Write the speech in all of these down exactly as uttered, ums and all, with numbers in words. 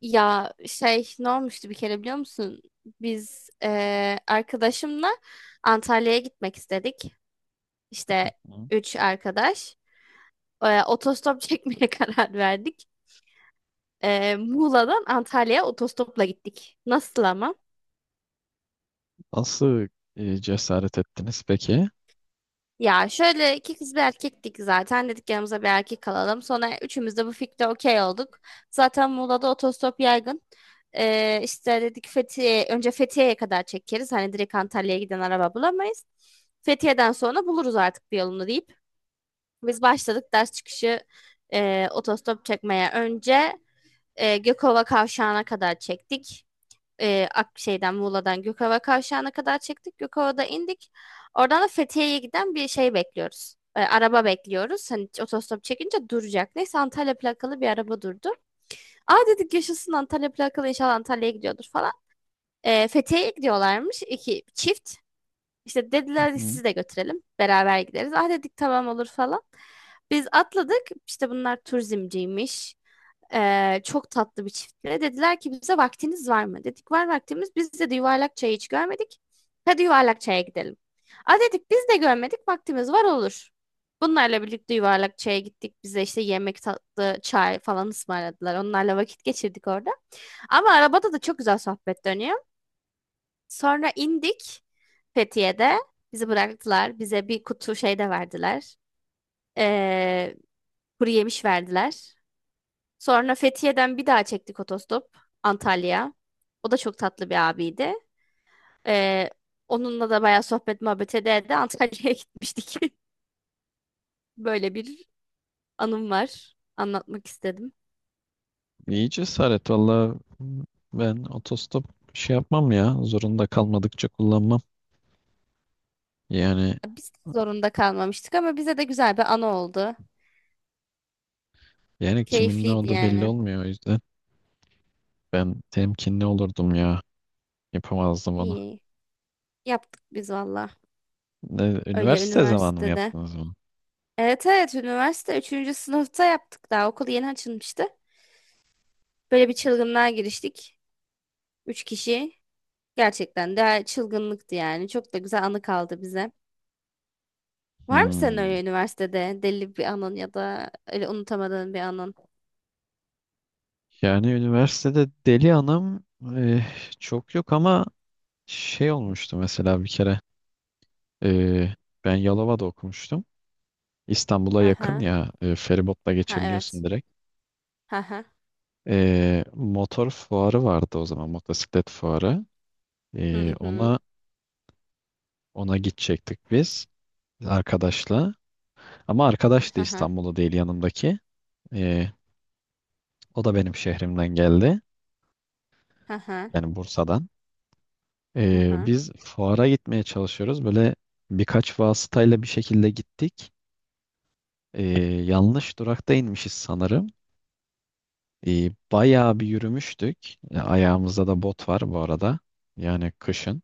Ya şey ne olmuştu bir kere biliyor musun? Biz eee, arkadaşımla Antalya'ya gitmek istedik. İşte Hı. üç arkadaş. Eee, otostop çekmeye karar verdik. Eee, Muğla'dan Antalya'ya otostopla gittik. Nasıl ama? Nasıl e, cesaret ettiniz peki? Ya şöyle iki kız bir erkektik zaten. Dedik yanımıza bir erkek alalım. Sonra üçümüz de bu fikre okey olduk. Zaten Muğla'da otostop yaygın. Ee, işte dedik Fethiye, önce Fethiye'ye kadar çekeriz. Hani direkt Antalya'ya giden araba bulamayız. Fethiye'den sonra buluruz artık bir yolunu deyip. Biz başladık ders çıkışı e, otostop çekmeye. Önce e, Gökova Kavşağı'na kadar çektik, e, Ak şeyden Muğla'dan Gökova Kavşağı'na kadar çıktık. Gökova'da indik. Oradan da Fethiye'ye giden bir şey bekliyoruz. E, araba bekliyoruz. Hani otostop çekince duracak. Neyse Antalya plakalı bir araba durdu. Aa dedik yaşasın, Antalya plakalı, inşallah Antalya'ya gidiyordur falan. E, Fethiye'ye gidiyorlarmış iki çift. İşte dediler Hı. sizi de götürelim. Beraber gideriz. Ah dedik tamam olur falan. Biz atladık. İşte bunlar turizmciymiş. Ee, çok tatlı bir çiftle. Dediler ki bize vaktiniz var mı? Dedik var vaktimiz. Biz de yuvarlak çayı hiç görmedik. Hadi yuvarlak çaya gidelim. A dedik biz de görmedik, vaktimiz var, olur. Bunlarla birlikte yuvarlak çaya gittik. Bize işte yemek, tatlı, çay falan ısmarladılar. Onlarla vakit geçirdik orada. Ama arabada da çok güzel sohbet dönüyor. Sonra indik Fethiye'de. Bizi bıraktılar. Bize bir kutu şey de verdiler. Ee, Kuru yemiş verdiler. Sonra Fethiye'den bir daha çektik otostop Antalya. O da çok tatlı bir abiydi. Ee, Onunla da bayağı sohbet muhabbet ede de Antalya'ya gitmiştik. Böyle bir anım var. Anlatmak istedim. İyi cesaret valla, ben otostop şey yapmam ya, zorunda kalmadıkça kullanmam. Yani Biz de zorunda kalmamıştık ama bize de güzel bir anı oldu. yani kimin ne Keyifliydi olduğu belli yani. olmuyor, o yüzden ben temkinli olurdum ya, yapamazdım onu. İyi. Yaptık biz valla. Ne, Öyle üniversite zamanı mı üniversitede. yaptınız bunu? Evet evet, üniversite üçüncü sınıfta yaptık daha. Okul yeni açılmıştı. Böyle bir çılgınlığa giriştik. Üç kişi. Gerçekten de çılgınlıktı yani. Çok da güzel anı kaldı bize. Var mı senin Hmm. öyle üniversitede deli bir anın ya da öyle unutamadığın bir anın? Yani üniversitede deli anım eh, çok yok ama şey olmuştu mesela bir kere, eh, ben Yalova'da okumuştum. İstanbul'a yakın Aha. ya, e, feribotla Ha evet. geçebiliyorsun direkt. Aha. E, motor fuarı vardı o zaman, motosiklet fuarı. E, Hı hı. ona ona gidecektik biz, arkadaşla. Ama arkadaş da Aha. İstanbul'da değil, yanımdaki. E, o da benim şehrimden geldi. Aha. Yani Bursa'dan. E, Aha. biz fuara gitmeye çalışıyoruz. Böyle birkaç vasıtayla bir şekilde gittik. E, yanlış durakta inmişiz sanırım. E, bayağı bir yürümüştük. E, ayağımızda da bot var bu arada. Yani kışın.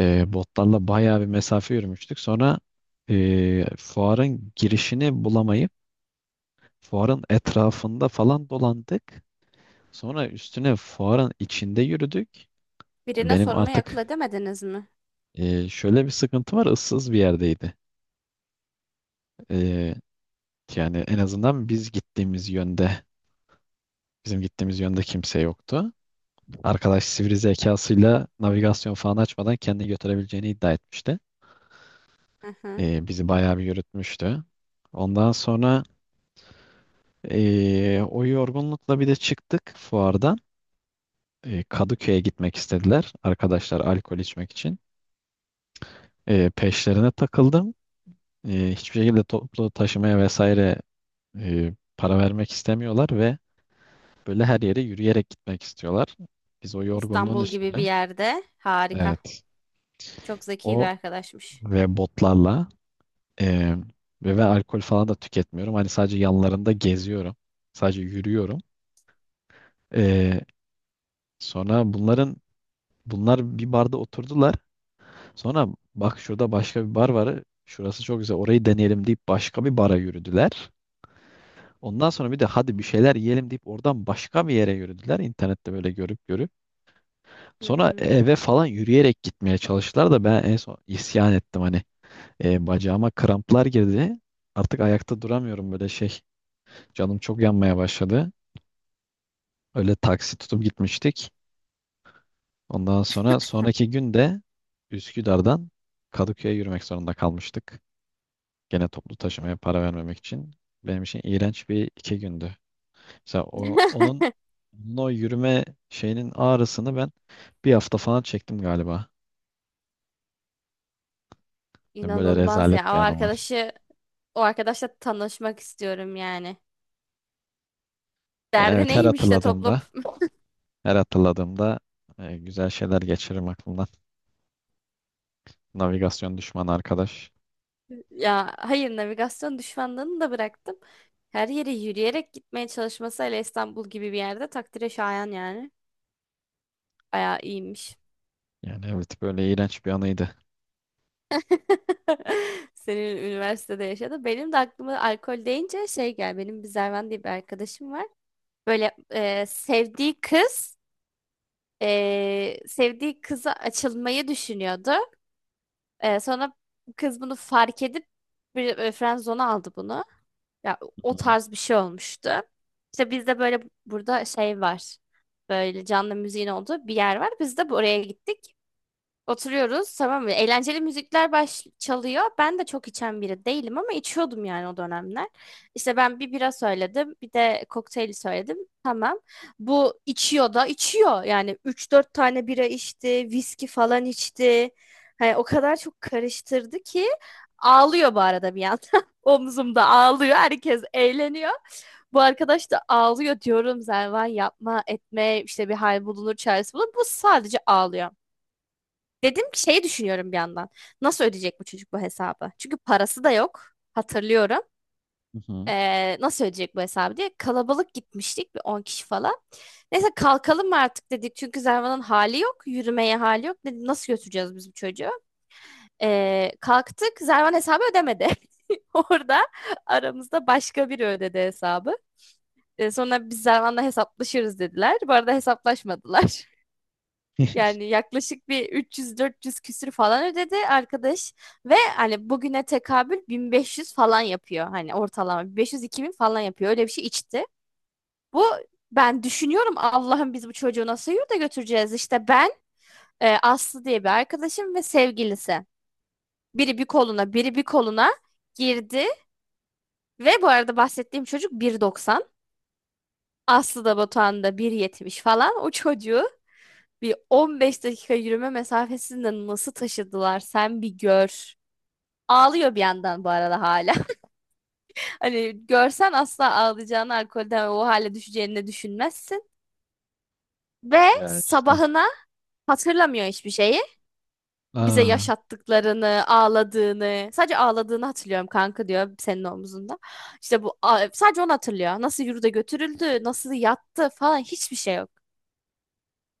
E, botlarla bayağı bir mesafe yürümüştük. Sonra e, fuarın girişini bulamayıp fuarın etrafında falan dolandık. Sonra üstüne fuarın içinde yürüdük. Birine Benim sormayı akıl artık edemediniz mi? e, şöyle bir sıkıntı var. Issız bir yerdeydi. E, Yani en azından biz gittiğimiz yönde, bizim gittiğimiz yönde kimse yoktu. Arkadaş sivri zekasıyla navigasyon falan açmadan kendini götürebileceğini iddia etmişti. Aha. Ee, bizi bayağı bir yürütmüştü. Ondan sonra ee, o yorgunlukla bir de çıktık fuardan. Ee, Kadıköy'e gitmek istediler arkadaşlar, alkol içmek için. Ee, peşlerine takıldım. Ee, hiçbir şekilde toplu taşımaya vesaire ee, para vermek istemiyorlar ve böyle her yere yürüyerek gitmek istiyorlar. Biz o yorgunluğun İstanbul gibi bir üstüne, yerde. Harika. evet, Çok zeki bir o arkadaşmış. ve botlarla. Ee, Ve ben alkol falan da tüketmiyorum. Hani sadece yanlarında geziyorum. Sadece yürüyorum. Ee, sonra bunların bunlar bir barda oturdular. Sonra bak, şurada başka bir bar var. Şurası çok güzel. Orayı deneyelim deyip başka bir bara yürüdüler. Ondan sonra bir de hadi bir şeyler yiyelim deyip oradan başka bir yere yürüdüler. İnternette böyle görüp görüp. Hı Sonra hı. eve falan yürüyerek gitmeye çalıştılar da ben en son isyan ettim hani. Ee, bacağıma kramplar girdi. Artık ayakta duramıyorum böyle şey. Canım çok yanmaya başladı. Öyle taksi tutup gitmiştik. Ondan sonra sonraki gün de Üsküdar'dan Kadıköy'e yürümek zorunda kalmıştık. Gene toplu taşımaya para vermemek için. Benim için iğrenç bir iki gündü. Mesela o- onun, onun o yürüme şeyinin ağrısını ben bir hafta falan çektim galiba. Yani böyle İnanılmaz ya. O rezalet bir anım var. arkadaşı, o arkadaşla tanışmak istiyorum yani. Ya Derdi evet, her neymiş de topla. hatırladığımda her hatırladığımda e, güzel şeyler geçiririm aklımdan. Navigasyon düşmanı arkadaş. Ya hayır, navigasyon düşmanlığını da bıraktım. Her yere yürüyerek gitmeye çalışması hele İstanbul gibi bir yerde takdire şayan yani. Bayağı iyiymiş. Yani evet, böyle iğrenç bir anıydı. Senin üniversitede yaşadı. Benim de aklıma alkol deyince şey gel. Benim bir Zervan diye bir arkadaşım var. Böyle e, sevdiği kız e, sevdiği kıza açılmayı düşünüyordu. E, sonra kız bunu fark edip bir e, friend zone'a aldı bunu. Ya Hı o hı. tarz bir şey olmuştu. İşte bizde böyle burada şey var. Böyle canlı müziğin olduğu bir yer var. Biz de buraya gittik. Oturuyoruz tamam mı? Eğlenceli müzikler baş çalıyor. Ben de çok içen biri değilim ama içiyordum yani o dönemler. İşte ben bir bira söyledim, bir de kokteyli söyledim. Tamam. Bu içiyor da içiyor. Yani üç dört tane bira içti, viski falan içti. Hani o kadar çok karıştırdı ki ağlıyor bu arada bir yandan. Omzumda ağlıyor. Herkes eğleniyor. Bu arkadaş da ağlıyor, diyorum Zervan yapma etme işte, bir hal bulunur, çaresi bulunur. Bu sadece ağlıyor. Dedim ki şeyi düşünüyorum bir yandan. Nasıl ödeyecek bu çocuk bu hesabı? Çünkü parası da yok. Hatırlıyorum. Hı hı. Ee, nasıl ödeyecek bu hesabı diye. Kalabalık gitmiştik, bir on kişi falan. Neyse kalkalım mı artık dedik. Çünkü Zervan'ın hali yok. Yürümeye hali yok. Dedim nasıl götüreceğiz biz bu çocuğu? Ee, kalktık. Zervan hesabı ödemedi. Orada aramızda başka biri ödedi hesabı. Ee, sonra biz Zervan'la hesaplaşırız dediler. Bu arada hesaplaşmadılar. Yani yaklaşık bir üç yüz dört yüz küsür falan ödedi arkadaş ve hani bugüne tekabül bin beş yüz falan yapıyor, hani ortalama bin beş yüz-iki bin falan yapıyor, öyle bir şey içti. Bu, ben düşünüyorum Allah'ım biz bu çocuğu nasıl yurda götüreceğiz, işte ben e, Aslı diye bir arkadaşım ve sevgilisi, biri bir koluna biri bir koluna girdi ve bu arada bahsettiğim çocuk bir doksan, Aslı da Batuhan da bir yetmiş falan. O çocuğu bir on beş dakika yürüme mesafesinde nasıl taşıdılar sen bir gör. Ağlıyor bir yandan bu arada hala. Hani görsen asla ağlayacağını, alkolden o hale düşeceğini de düşünmezsin. Ve Ya işte. sabahına hatırlamıyor hiçbir şeyi. Bize Aa, yaşattıklarını, ağladığını. Sadece ağladığını hatırlıyorum, kanka diyor senin omzunda. İşte bu sadece onu hatırlıyor. Nasıl yurda götürüldü, nasıl yattı falan hiçbir şey yok.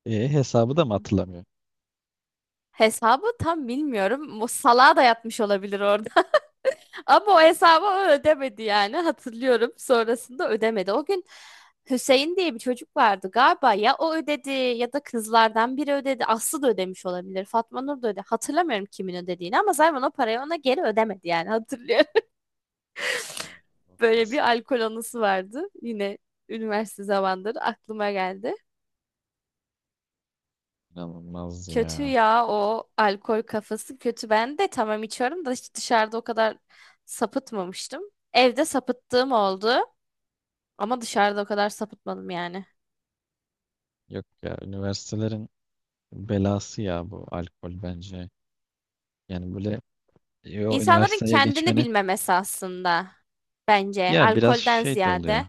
e, hesabı da mı hatırlamıyor? Hesabı tam bilmiyorum. O salağa da yatmış olabilir orada. Ama o hesabı o ödemedi yani, hatırlıyorum. Sonrasında ödemedi. O gün Hüseyin diye bir çocuk vardı galiba, ya o ödedi ya da kızlardan biri ödedi. Aslı da ödemiş olabilir. Fatma Nur da ödedi. Hatırlamıyorum kimin ödediğini ama Zayman o parayı ona geri ödemedi yani, hatırlıyorum. Ay, Böyle bir olmaz. alkol anısı vardı. Yine üniversite zamanları aklıma geldi. İnanılmaz Kötü ya. ya, o alkol kafası kötü. Ben de tamam, içiyorum da hiç dışarıda o kadar sapıtmamıştım. Evde sapıttığım oldu. Ama dışarıda o kadar sapıtmadım yani. Yok ya, üniversitelerin belası ya bu alkol bence. Yani böyle e, o İnsanların üniversiteye kendini geçmenin bilmemesi aslında, bence ya biraz alkolden şey de oluyor. ziyade.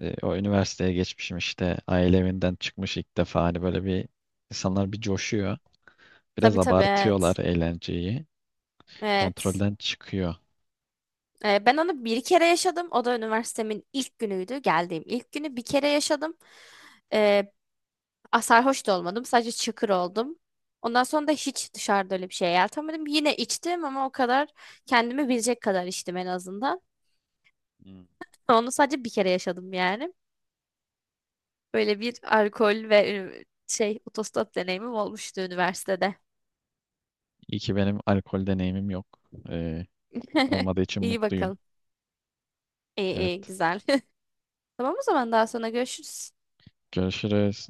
E, o üniversiteye geçmişim işte, aile evinden çıkmış ilk defa, hani böyle bir, insanlar bir coşuyor. Biraz Tabii tabii, abartıyorlar evet. eğlenceyi. Evet. Kontrolden çıkıyor. Ee, ben onu bir kere yaşadım. O da üniversitemin ilk günüydü. Geldiğim ilk günü bir kere yaşadım. Ee, a- Sarhoş da olmadım. Sadece çıkır oldum. Ondan sonra da hiç dışarıda öyle bir şey yeltemedim. Yine içtim ama o kadar, kendimi bilecek kadar içtim en azından. Hmm. Onu sadece bir kere yaşadım yani. Böyle bir alkol ve e, şey otostop deneyimim olmuştu üniversitede. İyi ki benim alkol deneyimim yok. Ee, Olmadığı için İyi mutluyum. bakalım. İyi iyi Evet. güzel. Tamam o zaman daha sonra görüşürüz. Görüşürüz.